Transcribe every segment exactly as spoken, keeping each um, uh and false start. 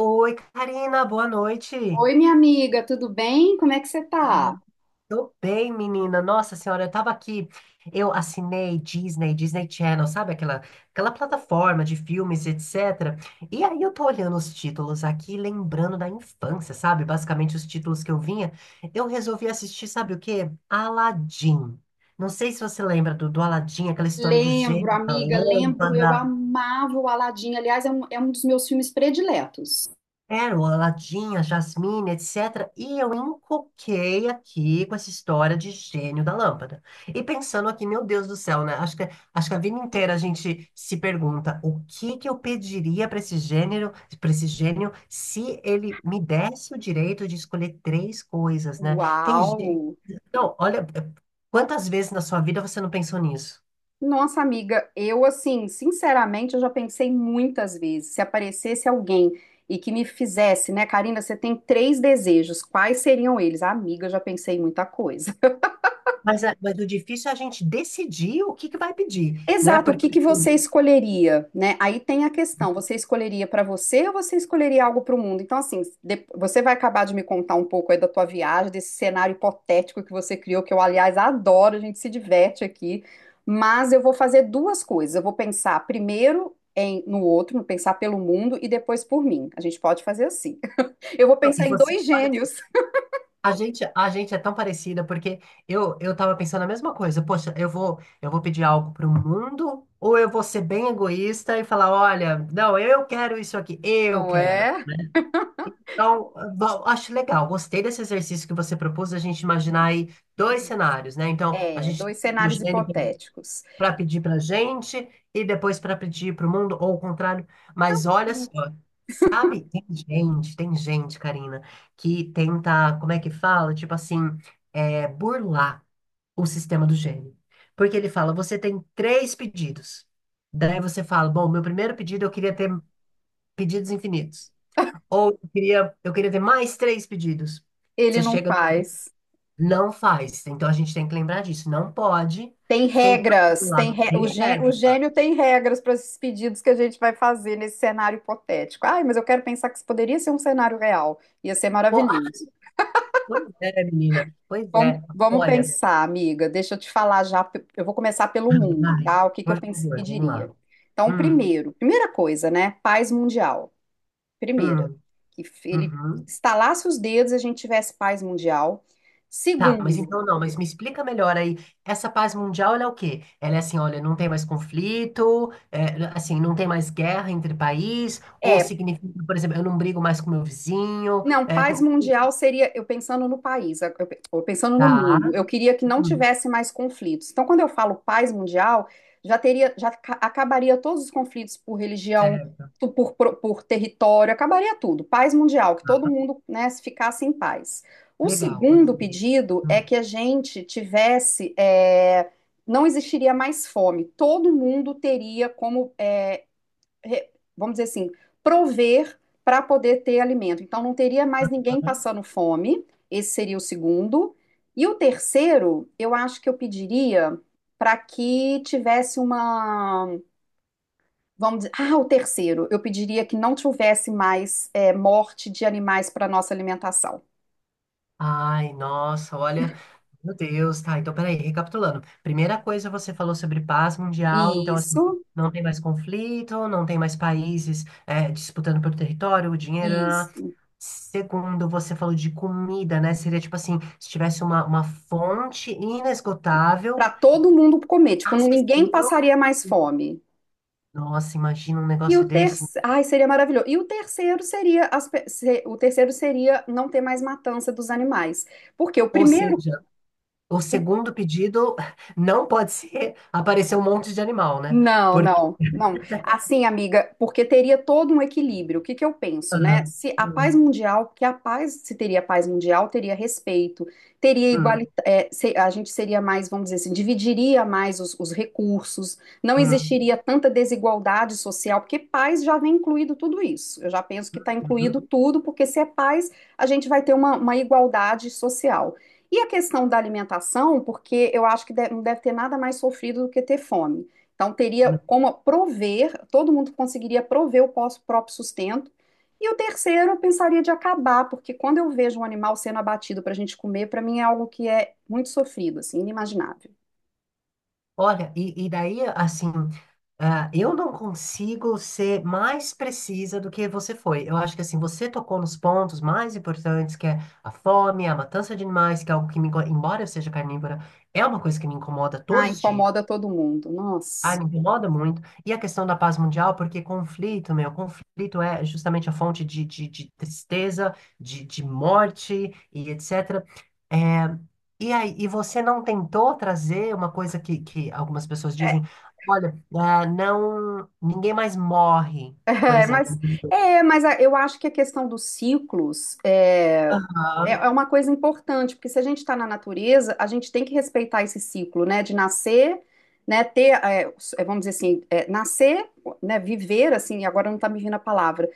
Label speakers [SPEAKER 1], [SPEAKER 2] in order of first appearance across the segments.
[SPEAKER 1] Oi, Karina, boa noite.
[SPEAKER 2] Oi, minha amiga, tudo bem? Como é que você tá?
[SPEAKER 1] Tô bem, menina. Nossa senhora, eu tava aqui. Eu assinei Disney, Disney Channel, sabe? Aquela, aquela plataforma de filmes, etcétera. E aí eu tô olhando os títulos aqui, lembrando da infância, sabe? Basicamente os títulos que eu vinha. Eu resolvi assistir, sabe o quê? Aladdin. Não sei se você lembra do, do Aladdin, aquela história do
[SPEAKER 2] Lembro,
[SPEAKER 1] gênio, da
[SPEAKER 2] amiga, lembro, eu
[SPEAKER 1] lâmpada.
[SPEAKER 2] amava o Aladim. Aliás, é um, é um dos meus filmes prediletos.
[SPEAKER 1] Pérola, Ladinha, Jasmine, etcétera. E eu encoquei aqui com essa história de gênio da lâmpada. E pensando aqui, meu Deus do céu, né? Acho que, acho que a vida inteira a gente se pergunta o que que eu pediria para esse gênero, para esse gênio, se ele me desse o direito de escolher três coisas, né? Tem gente.
[SPEAKER 2] Uau!
[SPEAKER 1] Não, olha, quantas vezes na sua vida você não pensou nisso?
[SPEAKER 2] Nossa, amiga, eu assim, sinceramente, eu já pensei muitas vezes, se aparecesse alguém e que me fizesse, né, Karina, você tem três desejos, quais seriam eles? Amiga, eu já pensei em muita coisa.
[SPEAKER 1] Mas, a- mas o difícil é a gente decidir o que que vai pedir, né?
[SPEAKER 2] Exato, o
[SPEAKER 1] Porque
[SPEAKER 2] que que
[SPEAKER 1] assim,
[SPEAKER 2] você escolheria, né? Aí tem a questão, você escolheria para você ou você escolheria algo para o mundo? Então, assim, de- você vai acabar de me contar um pouco aí da tua viagem, desse cenário hipotético que você criou, que eu, aliás, adoro, a gente se diverte aqui, mas eu vou fazer duas coisas. Eu vou pensar primeiro em, no outro, pensar pelo mundo e depois por mim. A gente pode fazer assim. Eu vou pensar
[SPEAKER 1] e
[SPEAKER 2] em
[SPEAKER 1] você,
[SPEAKER 2] dois
[SPEAKER 1] olha.
[SPEAKER 2] gênios,
[SPEAKER 1] A gente, a gente é tão parecida porque eu eu tava pensando a mesma coisa. Poxa, eu vou eu vou pedir algo pro mundo ou eu vou ser bem egoísta e falar, olha, não, eu quero isso aqui, eu
[SPEAKER 2] não
[SPEAKER 1] quero.
[SPEAKER 2] é?
[SPEAKER 1] Então, bom, acho legal, gostei desse exercício que você propôs, a gente imaginar aí dois cenários, né? Então, a
[SPEAKER 2] É,
[SPEAKER 1] gente
[SPEAKER 2] dois cenários
[SPEAKER 1] mexendo
[SPEAKER 2] hipotéticos.
[SPEAKER 1] para pedir pra gente e depois para pedir pro mundo ou o contrário. Mas
[SPEAKER 2] Tanto
[SPEAKER 1] olha só,
[SPEAKER 2] faz.
[SPEAKER 1] sabe, tem gente, tem gente, Karina, que tenta, como é que fala? Tipo assim, é, burlar o sistema do gênio. Porque ele fala, você tem três pedidos. Daí você fala, bom, meu primeiro pedido eu queria ter pedidos infinitos. Ou eu queria, eu queria ter mais três pedidos.
[SPEAKER 2] Ele
[SPEAKER 1] Você
[SPEAKER 2] não
[SPEAKER 1] chega,
[SPEAKER 2] faz.
[SPEAKER 1] não faz. Então a gente tem que lembrar disso. Não pode
[SPEAKER 2] Tem
[SPEAKER 1] tentar
[SPEAKER 2] regras,
[SPEAKER 1] burlar.
[SPEAKER 2] tem re... o
[SPEAKER 1] Tem
[SPEAKER 2] gênio, o
[SPEAKER 1] regra.
[SPEAKER 2] gênio tem regras para esses pedidos que a gente vai fazer nesse cenário hipotético. Ai, mas eu quero pensar que isso poderia ser um cenário real. Ia ser
[SPEAKER 1] Pô, ah,
[SPEAKER 2] maravilhoso.
[SPEAKER 1] pois é, menina. Pois
[SPEAKER 2] Vamos,
[SPEAKER 1] é.
[SPEAKER 2] vamos
[SPEAKER 1] Olha,
[SPEAKER 2] pensar, amiga. Deixa eu te falar já. pe- Eu vou começar pelo mundo,
[SPEAKER 1] vai,
[SPEAKER 2] tá? O que que eu
[SPEAKER 1] por
[SPEAKER 2] pens-
[SPEAKER 1] favor, vamos
[SPEAKER 2] pediria?
[SPEAKER 1] lá.
[SPEAKER 2] Então,
[SPEAKER 1] Hum.
[SPEAKER 2] primeiro, primeira coisa, né? Paz mundial. Primeira,
[SPEAKER 1] Hum,
[SPEAKER 2] que f- ele
[SPEAKER 1] uhum.
[SPEAKER 2] estalasse os dedos e a gente tivesse paz mundial.
[SPEAKER 1] Tá, mas
[SPEAKER 2] Segundo,
[SPEAKER 1] então não, mas me explica melhor aí. Essa paz mundial, ela é o quê? Ela é assim, olha, não tem mais conflito, é, assim, não tem mais guerra entre país, ou
[SPEAKER 2] é
[SPEAKER 1] significa, por exemplo, eu não brigo mais com meu vizinho,
[SPEAKER 2] Não,
[SPEAKER 1] é,
[SPEAKER 2] paz
[SPEAKER 1] co-
[SPEAKER 2] mundial seria, eu pensando no país, eu pe- eu pensando no
[SPEAKER 1] tá,
[SPEAKER 2] mundo, eu queria que não
[SPEAKER 1] hum,
[SPEAKER 2] tivesse mais conflitos. Então, quando eu falo paz mundial, já teria, já ca- acabaria todos os conflitos por religião,
[SPEAKER 1] certo, tá,
[SPEAKER 2] tu- por, pro- por território, acabaria tudo. Paz mundial, que todo mundo, né, se ficasse em paz. O
[SPEAKER 1] legal,
[SPEAKER 2] segundo
[SPEAKER 1] gostei.
[SPEAKER 2] pedido é
[SPEAKER 1] Hum.
[SPEAKER 2] que a gente tivesse, é, não existiria mais fome, todo mundo teria como eh, vamos dizer assim, prover para poder ter alimento. Então, não teria mais ninguém passando fome, esse seria o segundo. E o terceiro, eu acho que eu pediria para que tivesse uma. Vamos dizer. Ah, o terceiro, eu pediria que não tivesse mais é, morte de animais para nossa alimentação.
[SPEAKER 1] Ai, nossa, olha, meu Deus, tá, então peraí, recapitulando. Primeira coisa, você falou sobre paz mundial, então assim,
[SPEAKER 2] Isso,
[SPEAKER 1] não tem mais conflito, não tem mais países é, disputando pelo território, o dinheiro. né? né, né.
[SPEAKER 2] isso.
[SPEAKER 1] Segundo, você falou de comida, né? Seria tipo assim, se tivesse uma, uma fonte
[SPEAKER 2] Para
[SPEAKER 1] inesgotável,
[SPEAKER 2] todo mundo comer, tipo, ninguém
[SPEAKER 1] acessível.
[SPEAKER 2] passaria mais fome.
[SPEAKER 1] Nossa, imagina um
[SPEAKER 2] E
[SPEAKER 1] negócio
[SPEAKER 2] o
[SPEAKER 1] desse.
[SPEAKER 2] terceiro, ai, seria maravilhoso. E o terceiro seria as pe- se- o terceiro seria não ter mais matança dos animais. Porque o
[SPEAKER 1] Ou
[SPEAKER 2] primeiro,
[SPEAKER 1] seja, o
[SPEAKER 2] o
[SPEAKER 1] segundo pedido não pode ser aparecer um monte de animal, né?
[SPEAKER 2] Não,
[SPEAKER 1] Porque.
[SPEAKER 2] não, não. Assim, amiga, porque teria todo um equilíbrio. O que que eu penso, né?
[SPEAKER 1] Ah,
[SPEAKER 2] Se a paz
[SPEAKER 1] hum,
[SPEAKER 2] mundial, porque a paz, se teria paz mundial, teria respeito, teria igualdade,
[SPEAKER 1] hum.
[SPEAKER 2] a gente seria mais, vamos dizer assim, dividiria mais os, os recursos, não
[SPEAKER 1] Hum,
[SPEAKER 2] existiria tanta desigualdade social, porque paz já vem incluído tudo isso. Eu já penso que está incluído
[SPEAKER 1] uhum.
[SPEAKER 2] tudo, porque se é paz, a gente vai ter uma, uma igualdade social. E a questão da alimentação, porque eu acho que de- não deve ter nada mais sofrido do que ter fome. Então, teria como prover, todo mundo conseguiria prover o pós- próprio sustento. E o terceiro, eu pensaria de acabar, porque quando eu vejo um animal sendo abatido para a gente comer, para mim é algo que é muito sofrido, assim, inimaginável.
[SPEAKER 1] Olha, e, e daí, assim, ah, eu não consigo ser mais precisa do que você foi. Eu acho que, assim, você tocou nos pontos mais importantes, que é a fome, a matança de animais, que é algo que me, inco- embora eu seja carnívora, é uma coisa que me incomoda
[SPEAKER 2] Ah,
[SPEAKER 1] todos os dias.
[SPEAKER 2] incomoda todo mundo.
[SPEAKER 1] Ai
[SPEAKER 2] Nossa.
[SPEAKER 1] me incomoda muito. E a questão da paz mundial, porque conflito, meu, conflito é justamente a fonte de, de, de tristeza, de, de morte e etcétera. E aí, e você não tentou trazer uma coisa que, que algumas pessoas dizem, olha, ah, não, ninguém mais morre, por
[SPEAKER 2] É, mas,
[SPEAKER 1] exemplo.
[SPEAKER 2] é, mas a- eu acho que a questão dos ciclos é, é é uma coisa importante, porque se a gente está na natureza, a gente tem que respeitar esse ciclo, né? De nascer, né? Ter, é, s- é, vamos dizer assim, é, nascer, né? Viver, assim, agora não está me vindo a palavra.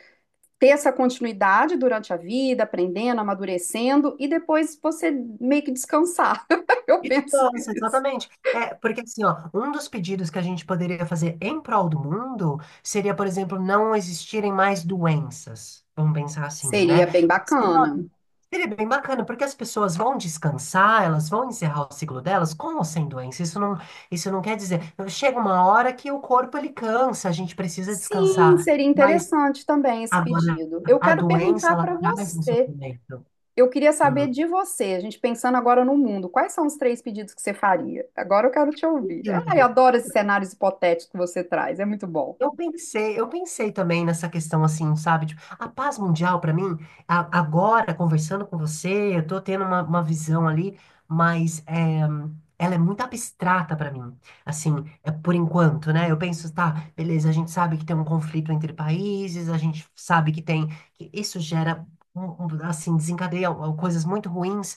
[SPEAKER 2] Ter essa continuidade durante a vida, aprendendo, amadurecendo, e depois você meio que descansar. Eu penso
[SPEAKER 1] Distância,
[SPEAKER 2] isso.
[SPEAKER 1] exatamente. É, porque assim, ó, um dos pedidos que a gente poderia fazer em prol do mundo seria, por exemplo, não existirem mais doenças. Vamos pensar assim,
[SPEAKER 2] Seria
[SPEAKER 1] né?
[SPEAKER 2] bem
[SPEAKER 1] Seria
[SPEAKER 2] bacana.
[SPEAKER 1] ótimo. Seria bem bacana, porque as pessoas vão descansar, elas vão encerrar o ciclo delas com ou sem doença. Isso não, isso não quer dizer. Chega uma hora que o corpo ele cansa, a gente precisa
[SPEAKER 2] Sim,
[SPEAKER 1] descansar.
[SPEAKER 2] seria
[SPEAKER 1] Mas
[SPEAKER 2] interessante também esse
[SPEAKER 1] agora
[SPEAKER 2] pedido. Eu
[SPEAKER 1] a
[SPEAKER 2] quero
[SPEAKER 1] doença
[SPEAKER 2] perguntar
[SPEAKER 1] ela
[SPEAKER 2] para
[SPEAKER 1] traz um
[SPEAKER 2] você.
[SPEAKER 1] sofrimento.
[SPEAKER 2] Eu queria saber
[SPEAKER 1] Hum.
[SPEAKER 2] de você, a gente pensando agora no mundo, quais são os três pedidos que você faria? Agora eu quero te ouvir. Ah, eu adoro esses cenários hipotéticos que você traz, é muito bom.
[SPEAKER 1] Eu pensei, eu pensei também nessa questão assim, sabe? Tipo, a paz mundial para mim, a- agora conversando com você, eu tô tendo uma, uma visão ali, mas é, ela é muito abstrata para mim. Assim, é por enquanto, né? Eu penso, tá, beleza, a gente sabe que tem um conflito entre países, a gente sabe que tem, que isso gera um- um, assim, desencadeia ó, coisas muito ruins.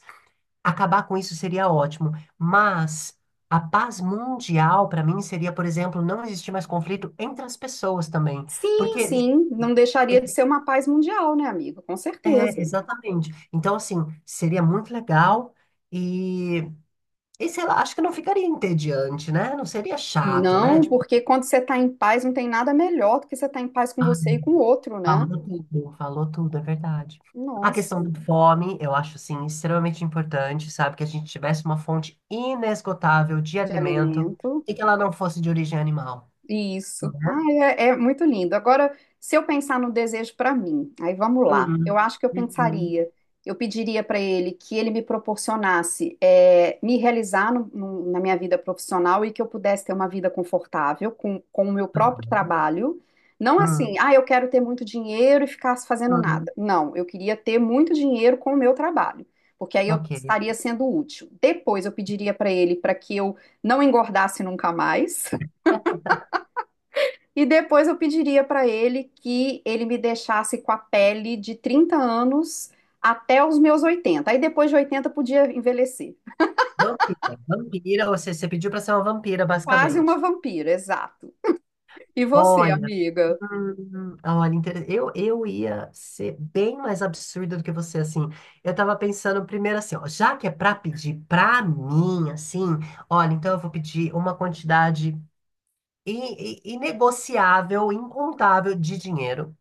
[SPEAKER 1] Acabar com isso seria ótimo, mas a paz mundial, para mim, seria, por exemplo, não existir mais conflito entre as pessoas também.
[SPEAKER 2] Sim,
[SPEAKER 1] Porque
[SPEAKER 2] sim, não deixaria de ser uma paz mundial, né, amigo? Com
[SPEAKER 1] é,
[SPEAKER 2] certeza.
[SPEAKER 1] exatamente. Então, assim, seria muito legal e, e sei lá, acho que não ficaria entediante, né? Não seria chato, né?
[SPEAKER 2] Não,
[SPEAKER 1] Tipo,
[SPEAKER 2] porque quando você está em paz, não tem nada melhor do que você estar em paz com
[SPEAKER 1] ah,
[SPEAKER 2] você e com o outro, né?
[SPEAKER 1] falou tudo, falou tudo, é verdade. A
[SPEAKER 2] Nossa,
[SPEAKER 1] questão da fome, eu acho, assim, extremamente importante, sabe? Que a gente tivesse uma fonte inesgotável de
[SPEAKER 2] de
[SPEAKER 1] alimento
[SPEAKER 2] alimento.
[SPEAKER 1] e que ela não fosse de origem animal.
[SPEAKER 2] Isso. Ah, é, é muito lindo. Agora, se eu pensar no desejo para mim, aí vamos lá. Eu
[SPEAKER 1] Hum,
[SPEAKER 2] acho que eu
[SPEAKER 1] uhum, hum,
[SPEAKER 2] pensaria, eu pediria para ele que ele me proporcionasse é, me realizar no- no- na minha vida profissional e que eu pudesse ter uma vida confortável com, com o meu próprio trabalho. Não
[SPEAKER 1] hum.
[SPEAKER 2] assim, ah, eu quero ter muito dinheiro e ficar fazendo
[SPEAKER 1] Hum.
[SPEAKER 2] nada. Não, eu queria ter muito dinheiro com o meu trabalho, porque aí eu
[SPEAKER 1] Ok.
[SPEAKER 2] estaria sendo útil. Depois, eu pediria para ele para que eu não engordasse nunca mais. E depois eu pediria para ele que ele me deixasse com a pele de trinta anos até os meus oitenta. Aí depois de oitenta podia envelhecer.
[SPEAKER 1] Vampira. Vampira, ou seja, você pediu pra ser uma vampira,
[SPEAKER 2] Quase uma
[SPEAKER 1] basicamente.
[SPEAKER 2] vampira, exato. E você,
[SPEAKER 1] Olha,
[SPEAKER 2] amiga?
[SPEAKER 1] hum, olha, inter- eu, eu ia ser bem mais absurda do que você, assim. Eu tava pensando primeiro assim, ó, já que é pra pedir pra mim, assim, olha, então eu vou pedir uma quantidade i- i- inegociável, incontável de dinheiro.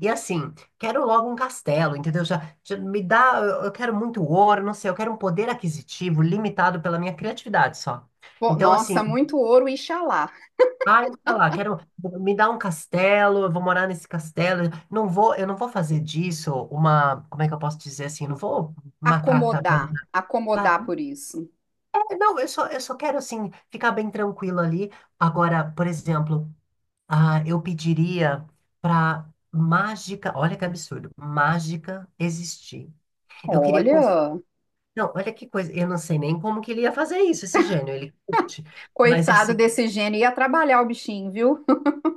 [SPEAKER 1] E assim, quero logo um castelo, entendeu? Já, já me dá, eu eu quero muito ouro, não sei, eu quero um poder aquisitivo limitado pela minha criatividade só.
[SPEAKER 2] Pô,
[SPEAKER 1] Então, assim,
[SPEAKER 2] nossa, muito ouro, Ixalá.
[SPEAKER 1] ah sei lá, quero me dar um castelo, eu vou morar nesse castelo, não vou, eu não vou fazer disso uma, como é que eu posso dizer assim, eu não vou maltratar.
[SPEAKER 2] Acomodar,
[SPEAKER 1] Ah,
[SPEAKER 2] acomodar por isso.
[SPEAKER 1] é, não, eu só, eu só quero assim ficar bem tranquilo ali. Agora, por exemplo, ah, eu pediria para mágica, olha que absurdo, mágica existir. Eu queria. cons-
[SPEAKER 2] Olha,
[SPEAKER 1] Não, olha que coisa. Eu não sei nem como que ele ia fazer isso, esse gênio. Ele curte. Mas
[SPEAKER 2] coitado
[SPEAKER 1] assim,
[SPEAKER 2] desse gênio, ia trabalhar o bichinho, viu?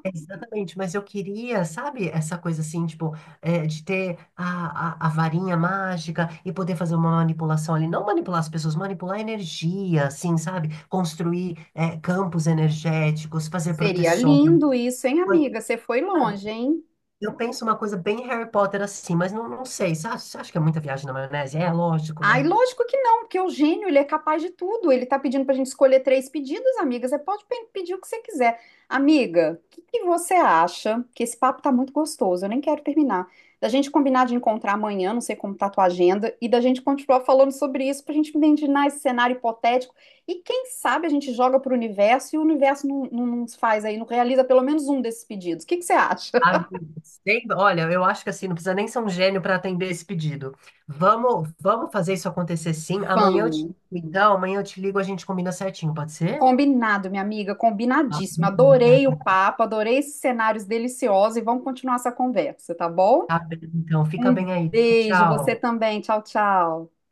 [SPEAKER 1] é exatamente. Mas eu queria, sabe, essa coisa assim, tipo, é, de ter a, a, a varinha mágica e poder fazer uma manipulação ali. Não manipular as pessoas, manipular a energia, assim, sabe? Construir, é, campos energéticos, fazer
[SPEAKER 2] Seria
[SPEAKER 1] proteções.
[SPEAKER 2] lindo isso, hein, amiga? Você foi
[SPEAKER 1] Sabe?
[SPEAKER 2] longe, hein?
[SPEAKER 1] Eu penso uma coisa bem Harry Potter assim, mas não, não sei. Você acha, você acha que é muita viagem na maionese? É, lógico,
[SPEAKER 2] Ai,
[SPEAKER 1] né?
[SPEAKER 2] lógico que não, porque o gênio, ele é capaz de tudo. Ele tá pedindo pra gente escolher três pedidos, amiga. Você pode pe- pedir o que você quiser. Amiga, o que que você acha? Que esse papo tá muito gostoso, eu nem quero terminar. Da gente combinar de encontrar amanhã, não sei como tá a tua agenda, e da gente continuar falando sobre isso, pra gente imaginar esse cenário hipotético. E quem sabe a gente joga pro universo e o universo não, não nos faz aí, não realiza pelo menos um desses pedidos. O que que você acha?
[SPEAKER 1] Amigo, sem- olha, eu acho que assim, não precisa nem ser um gênio para atender esse pedido. Vamos, vamos fazer isso acontecer sim. Amanhã eu te
[SPEAKER 2] Vamos.
[SPEAKER 1] ligo, então, amanhã eu te ligo, a gente combina certinho, pode ser?
[SPEAKER 2] Combinado, minha amiga,
[SPEAKER 1] Tá
[SPEAKER 2] combinadíssimo.
[SPEAKER 1] bom,
[SPEAKER 2] Adorei o
[SPEAKER 1] Karina.
[SPEAKER 2] papo, adorei esses cenários deliciosos e vamos continuar essa conversa, tá bom?
[SPEAKER 1] Tá bem, então, fica
[SPEAKER 2] Um
[SPEAKER 1] bem aí. Tchau,
[SPEAKER 2] beijo, você
[SPEAKER 1] tchau.
[SPEAKER 2] também. Tchau, tchau.